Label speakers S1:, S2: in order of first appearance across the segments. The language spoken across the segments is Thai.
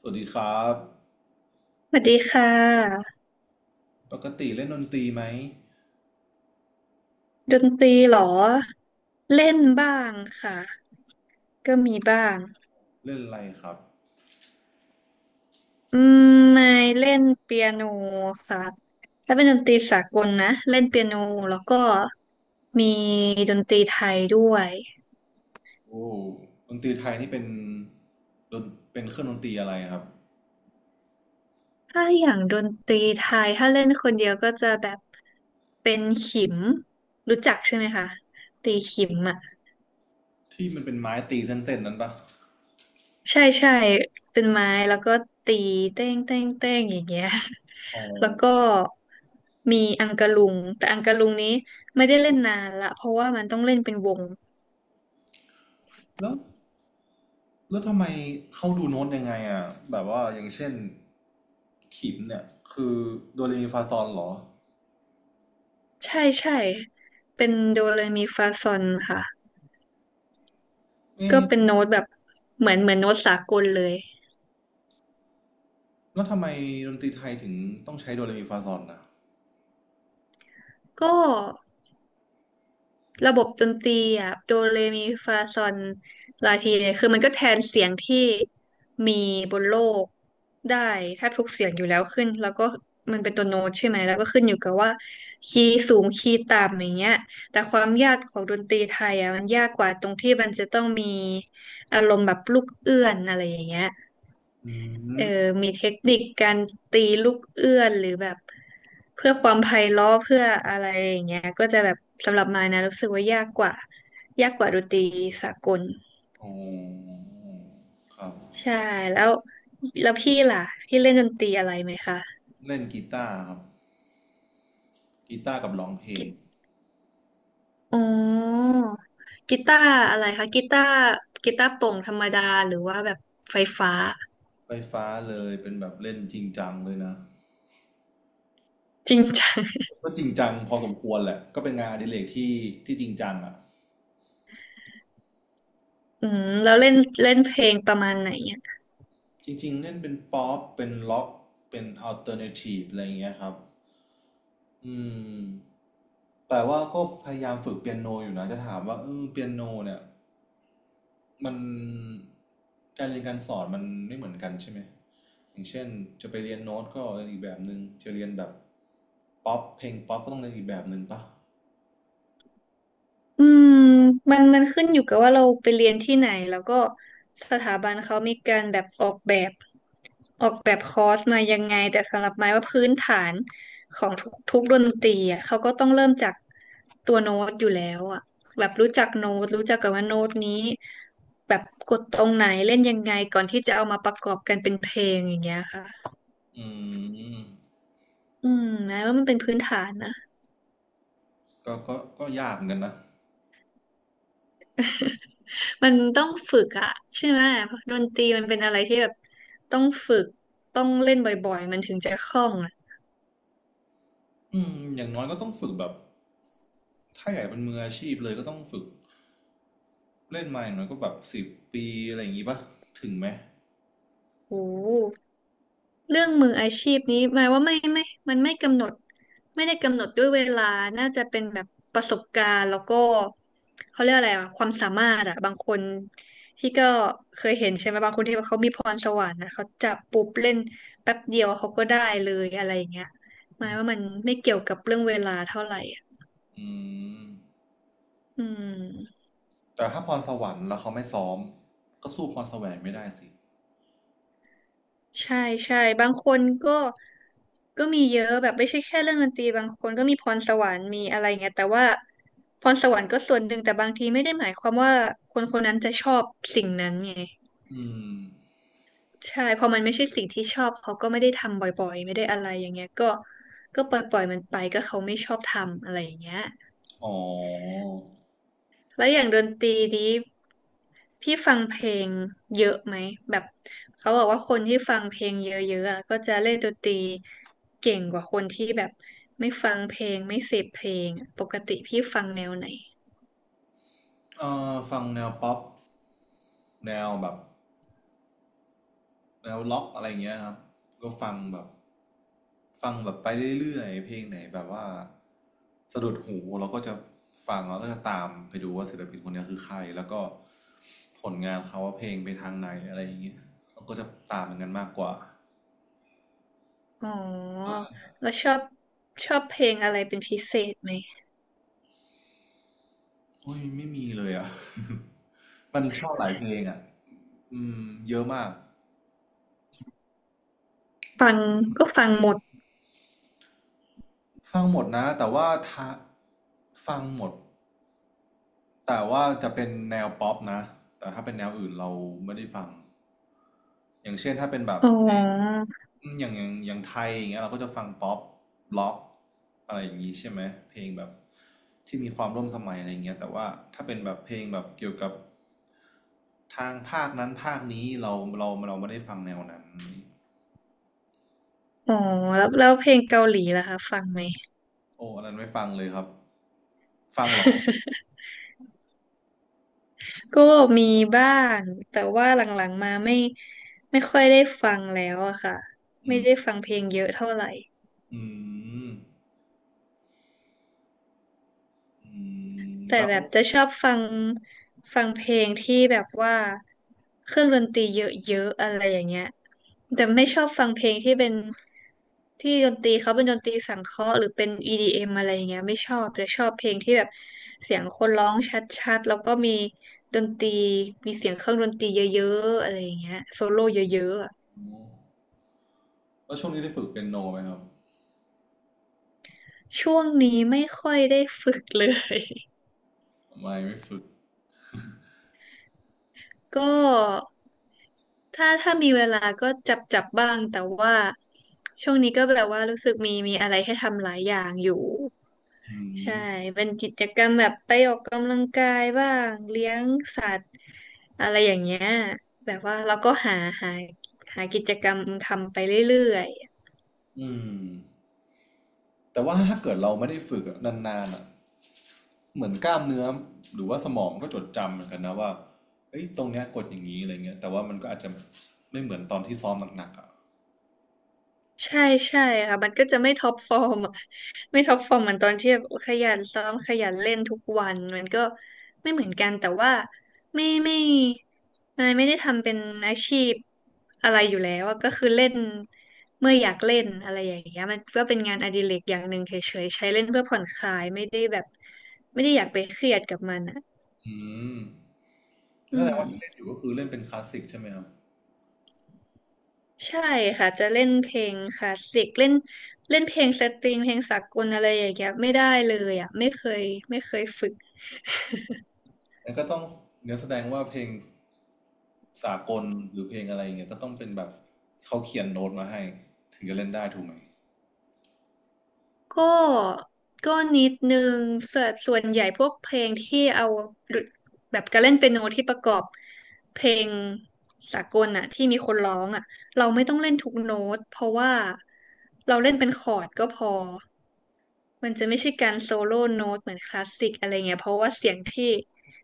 S1: สวัสดีครับ
S2: สวัสดีค่ะ
S1: ปกติเล่นดนตรีไหม
S2: ดนตรีเหรอเล่นบ้างค่ะก็มีบ้าง
S1: เล่นอะไรครับ
S2: อืมไม่เล่นเปียโนค่ะถ้าเป็นดนตรีสากลนะเล่นเปียโนแล้วก็มีดนตรีไทยด้วย
S1: โอ้ดนตรีไทยนี่เป็นดนเป็นเครื่องดนตรีอะไรครับ
S2: ถ้าอย่างดนตรีไทยถ้าเล่นคนเดียวก็จะแบบเป็นขิมรู้จักใช่ไหมคะตีขิมอ่ะ
S1: ที่มันเป็นไม้ตีเส้นๆนั้นปะ
S2: ใช่ใช่เป็นไม้แล้วก็ตีเต้งเต้งเต้งอย่างเงี้ย
S1: อ๋อ
S2: แล้วก็มีอังกะลุง แต่อังกะลุงนี้ไม่ได้เล่นนานละ เพราะว่ามันต้องเล่นเป็นวง
S1: แล้วแล้วทำไมเขาดูโน้ตยังไงอ่ะแบบว่าอย่างเช่นขิมเนี่ยคือโดเรมีฟาซอลเหรอ
S2: ใช่ใช่เป็นโดเรมีฟาซอนค่ะก็เป็น
S1: เอ๊ะ
S2: โน้ตแบบเหมือนโน้ตสากลเลย
S1: แล้วทำไมดนตรีไทยถึงต้องใช้โดเรมีฟาซอลนะ
S2: ก็ ระบบดนตรีอ่ะโดเรมีฟาซอนลาทีเนี่ยคือมันก็แทนเสียงที่มีบนโลกได้แทบทุกเสียงอยู่แล้วขึ้นแล้วก็มันเป็นตัวโน้ตใช่ไหมแล้วก็ขึ้นอยู่กับว่าคีย์สูงคีย์ต่ำอย่างเงี้ยแต่ความยากของดนตรีไทยอ่ะมันยากกว่าตรงที่มันจะต้องมีอารมณ์แบบลูกเอื้อนอะไรอย่างเงี้ย
S1: อื
S2: เออ
S1: ม
S2: มีเทคนิคการตีลูกเอื้อนหรือแบบเพื่อความไพเราะเพื่ออะไรอย่างเงี้ยก็จะแบบสำหรับมายนะรู้สึกว่ายากกว่ายากกว่าดนตรีสากล
S1: โอ้ครับ
S2: ใช่แล้วแล้วพี่ล่ะพี่เล่นดนตรีอะไรไหมคะ
S1: เล่นกีตาร์ครับกีตาร์กับร้องเพล
S2: กี
S1: ง
S2: อ๋อกีตาร์อะไรคะกีตาร์กีตาร์โปร่งธรรมดาหรือว่าแบบไฟฟ้า
S1: ไฟฟ้าเลยเป็นแบบเล่นจริงจังเลยนะ
S2: จริงจัง
S1: ก็จริงจังพอสมควรแหละก็เป็นงานอดิเรกที่จริงจังอ่ะ
S2: อืมแล้วเล่นเล่นเพลงประมาณไหน
S1: จริงๆเล่นเป็นป๊อปเป็นล็อกเป็นอัลเทอร์เนทีฟอะไรอย่างเงี้ยครับอืมแต่ว่าก็พยายามฝึกเปียโนอยู่นะจะถามว่าเปียโนเนี่ยมันการเรียนการสอนมันไม่เหมือนกันใช่ไหมอย่างเช่นจะไปเรียนโน้ตก็เรียนอีกแบบหนึ่งจะเรียนแบบป๊อปเพลงป๊อปก็ต้องเรียนอีกแบบหนึ่งปะ
S2: อืมมันขึ้นอยู่กับว่าเราไปเรียนที่ไหนแล้วก็สถาบันเขามีการแบบออกแบบออกแบบคอร์สมายังไงแต่สำหรับไม้ว่าพื้นฐานของทุกดนตรีอ่ะเขาก็ต้องเริ่มจากตัวโน้ตอยู่แล้วอ่ะแบบรู้จักโน้ตรู้จักกันว่าโน้ตนี้แบบกดตรงไหนเล่นยังไงก่อนที่จะเอามาประกอบกันเป็นเพลงอย่างเงี้ยค่ะ
S1: อืม
S2: อืมนะว่ามันเป็นพื้นฐานนะ
S1: ก็ยากเหมือนกันนะ
S2: มันต้องฝึกอะใช่ไหมดนตรีมันเป็นอะไรที่แบบต้องฝึกต้องเล่นบ่อยๆมันถึงจะคล่องอะ
S1: อืมอย่างน้อยก็ต้องฝึกแบบ ถ้าอยากเป็นมืออาชีพเลยก็ต้องฝึกเล่นมาอย่างน้อยก็แบบ10 ปีอะไรอย่างงี้ปะถึงไหม
S2: โอ้โหเรื่องมืออาชีพนี้หมายว่าไม่มันไม่กำหนดไม่ได้กำหนดด้วยเวลาน่าจะเป็นแบบประสบการณ์แล้วก็เขาเรียกอะไรอะความสามารถอะบางคนที่ก็เคยเห็นใช่ไหมบางคนที่เขามีพรสวรรค์นะเขาจับปุ๊บเล่นแป๊บเดียวเขาก็ได้เลยอะไรอย่างเงี้ยหมายว่ามันไม่เกี่ยวกับเรื่องเวลาเท่าไหร่อะ
S1: อืม
S2: อืม
S1: แต่ถ้าพรสวรรค์แล้วเขาไม่ซ้อมก็สู้พรแสวงไม่ได้สิ
S2: ใช่ใช่บางคนก็มีเยอะแบบไม่ใช่แค่เรื่องดนตรีบางคนก็มีพรสวรรค์มีอะไรเงี้ยแต่ว่าพรสวรรค์ก็ส่วนหนึ่งแต่บางทีไม่ได้หมายความว่าคนคนนั้นจะชอบสิ่งนั้นไง
S1: อืม
S2: ใช่พอมันไม่ใช่สิ่งที่ชอบเขาก็ไม่ได้ทำบ่อยๆไม่ได้อะไรอย่างเงี้ยก็ก็ปล่อยมันไปก็เขาไม่ชอบทำอะไรอย่างเงี้ย
S1: อ๋อ
S2: แล้วอย่างดนตรีนี้พี่ฟังเพลงเยอะไหมแบบเขาบอกว่าคนที่ฟังเพลงเยอะๆอะก็จะเล่นดนตรีเก่งกว่าคนที่แบบไม่ฟังเพลงไม่เสพเพลงอะปกติพี่ฟังแนวไหน
S1: ฟังแนวป๊อปแนวแบบ แล้วล็อกอะไรเงี้ยครับก็ฟังแบบฟังแบบไปเรื่อยๆเพลงไหนแบบว่าสะดุดหูเราก็จะฟังแล้วก็จะตามไปดูว่าศิลปินคนเนี้คือใครแล้วก็ผลงานเขาว่าเพลงไปทางไหนอะไรอย่างเงี้ยเราก็จะตามเหมอนกันมากกว่า
S2: อ๋
S1: ว่า
S2: อแล้วชอบชอบเพลงอะไรเป็นพิเศษไหม
S1: โอ้ยไม่มีเลยอ่ะ มันชอบหลายเพลงอ่ะอืมเยอะมาก
S2: ฟังก็ฟังหมด
S1: ฟังหมดนะแต่ว่าฟังหมด แต่ว่าจะเป็นแนวป๊อปนะแต่ถ้าเป็นแนวอื่นเราไม่ได้ฟังอย่างเช่นถ้าเป็นแบบ
S2: อ๋อ
S1: อืมอย่างไทยอย่างเงี้ยเราก็จะฟังป๊อปล็อกอะไรอย่างงี้ใช่ไหมเพลงแบบที่มีความร่วมสมัยอะไรอย่างเงี้ยแต่ว่าถ้าเป็นแบบเพลงแบบเกี่ยวกับทางภาคนั้นภาคนี้เราไม่ได้ฟังแนวนั้น
S2: อ๋อแล้วแล้วเพลงเกาหลีล่ะคะฟังไหม
S1: โอ้อันนั้นไม่ฟังเลยครับฟังเหรอ
S2: ก็มีบ้างแต่ว่าหลังๆมาไม่ค่อยได้ฟังแล้วอะค่ะไม่ได้ฟังเพลงเยอะเท่าไหร่
S1: อืมอืม
S2: แต่
S1: แล้ว
S2: แบบจะชอบฟังฟังเพลงที่แบบว่าเครื่องดนตรีเยอะๆอะไรอย่างเงี้ยแต่ไม่ชอบฟังเพลงที่เป็นที่ดนตรีเขาเป็นดนตรีสังเคราะห์หรือเป็น EDM อมอะไรอย่างเงี้ยไม่ชอบแต่ชอบเพลงที่แบบเสียงคนร้องชัดๆแล้วก็มีดนตรีมีเสียงเครื่องดนตรีเยอะๆอะไรอย่างเงี้ยโซโล่เยอะๆอะ
S1: แล้วช่วงนี้ได้ฝึกเปียโนไหมครับ
S2: ช่วงนี้ไม่ค่อยได้ฝึกเลย
S1: ไม่ฝึก
S2: ก็ถ้าถ้ามีเวลาก็จับจับบ้างแต่ว่าช่วงนี้ก็แบบว่ารู้สึกมีมีอะไรให้ทำหลายอย่างอยู่
S1: อืม
S2: ใช่เป็นกิจกรรมแบบไปออกกำลังกายบ้างเลี้ยงสัตว์อะไรอย่างเงี้ยแบบว่าเราก็หาหาหากิจกรรมทำไปเรื่อย
S1: อืมแต่ว่าถ้าเกิดเราไม่ได้ฝึกอะนานๆอ่ะเหมือนกล้ามเนื้อหรือว่าสมองก็จดจำเหมือนกันนะว่าเอ้ยตรงเนี้ยกดอย่างนี้อะไรเงี้ยแต่ว่ามันก็อาจจะไม่เหมือนตอนที่ซ้อมหนักๆอ่ะ
S2: ใช่ใช่ค่ะมันก็จะไม่ท็อปฟอร์มอะไม่ท็อปฟอร์มเหมือนตอนที่แบบขยันซ้อมขยันเล่นทุกวันมันก็ไม่เหมือนกันแต่ว่าไม่นายไม่ได้ทำเป็นอาชีพอะไรอยู่แล้วอะก็คือเล่นเมื่ออยากเล่นอะไรอย่างเงี้ยมันก็เป็นงานอดิเรกอย่างหนึ่งเฉยๆใช้เล่นเพื่อผ่อนคลายไม่ได้แบบไม่ได้อยากไปเครียดกับมันอ่ะ
S1: อืม
S2: อื
S1: แล้วแสดงว่าที่เล่น
S2: ม
S1: อยู่ก็คือเล่นเป็นคลาสสิกใช่ไหมครับ
S2: ใช่ค่ะจะเล่นเพลงคลาสสิกเล่นเล่นเพลงสตริงเพลงสากลอะไรอย่างเงี้ยไม่ได้เลยอ่ะไม่เคยไม่เคยฝึก
S1: แล้วก็ต้องเนื้อแสดงว่าเพลงสากลหรือเพลงอะไรเงี้ยก็ต้องเป็นแบบเขาเขียนโน้ตมาให้ถึงจะเล่นได้ถูกไหม
S2: ก็ก็นิดนึงส่วนใหญ่พวกเพลงที่เอาแบบการเล่นเปียโนที่ประกอบเพลงสากลอ่ะที่มีคนร้องอ่ะเราไม่ต้องเล่นทุกโน้ตเพราะว่าเราเล่นเป็นคอร์ดก็พอ มันจะไม่ใช่การโซโล่โน้ตเหมือนคลาสสิกอะไรเงี้ยเพราะว่าเสียงที่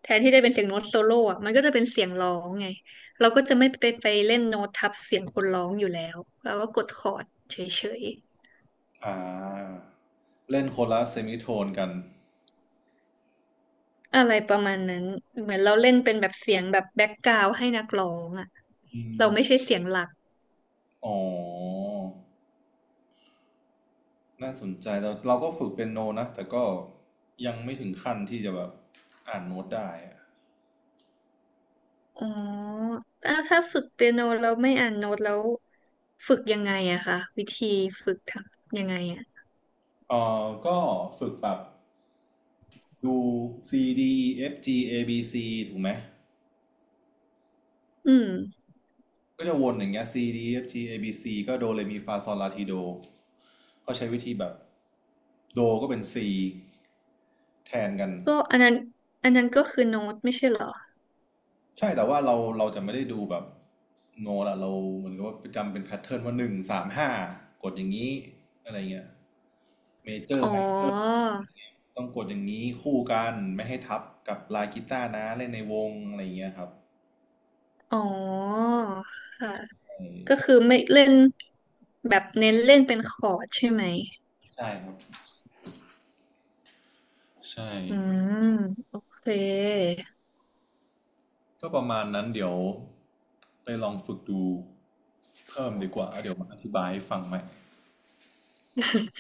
S2: แทนที่จะเป็นเสียงโน้ตโซโล่อะมันก็จะเป็นเสียงร้องไงเราก็จะไม่ไปไปเล่นโน้ตทับเสียงคนร้องอยู่แล้วเราก็กดคอร์ดเฉย
S1: อ่าเล่นโคนละเซมิโทนกัน
S2: ๆอะไรประมาณนั้นเหมือนเราเล่นเป็นแบบเสียงแบบแบ็กกราวด์ให้นักร้องอะ
S1: อืม
S2: เราไม่ใช่เสียงหลัก
S1: อ๋อ น่าสนใจเราก็ฝึกเป็นโนนะแต่ก็ยังไม่ถึงขั้นที่จะแบบอ่านโน้ตได้อะ
S2: อ๋ออ่ะถ้าฝึกเปียโนเราไม่อ่านโน้ตแล้วฝึกยังไงอะคะวิธีฝึกทำยังไงอะ
S1: เอก็ฝึกแบบดู C D E F G A B C ถูกไหม
S2: อืม
S1: ก็จะวนอย่างเงี้ย C D E F G A B C ก็โดเรมีฟาซอลลาทีโดก็ใช้วิธีแบบโดก็เป็น C แทนกัน
S2: ก็อันนั้นอันนั้นก็คือโน้ตไม่ใช่เหรอ
S1: ใช่แต่ว่าเราจะไม่ได้ดูแบบโนละเราเหมือนกับว่าจำเป็นแพทเทิร์นว่าหนึ่งสามห้ากดอย่างนี้อะไรเงี้ยเมเจอ
S2: อ๋
S1: ร์
S2: อ
S1: ไมเนอร์ต้องกดอย่างนี้คู่กันไม่ให้ทับกับลายกีตาร์นะเล่นในวงอะไรเงี้ยครับ
S2: อ๋อค่ะ
S1: เออ
S2: ก็คือไม่เล่นแบบเน้นเล่นเป็นคอร์ดใช่ไหม
S1: ใช่ครับใช่
S2: อืมโอเค
S1: ก็ประมาณนั้นเดี๋ยวไปลองฝึกดูเพิ่มดีกว่าแล้วเดี๋ยวมาอธิบายให้ฟังใหม่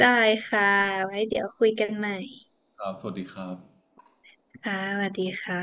S2: ได้ค่ะไว้เดี๋ยวคุยกันใหม่
S1: ครับสวัสดีครับ
S2: ค่ะสวัสดีค่ะ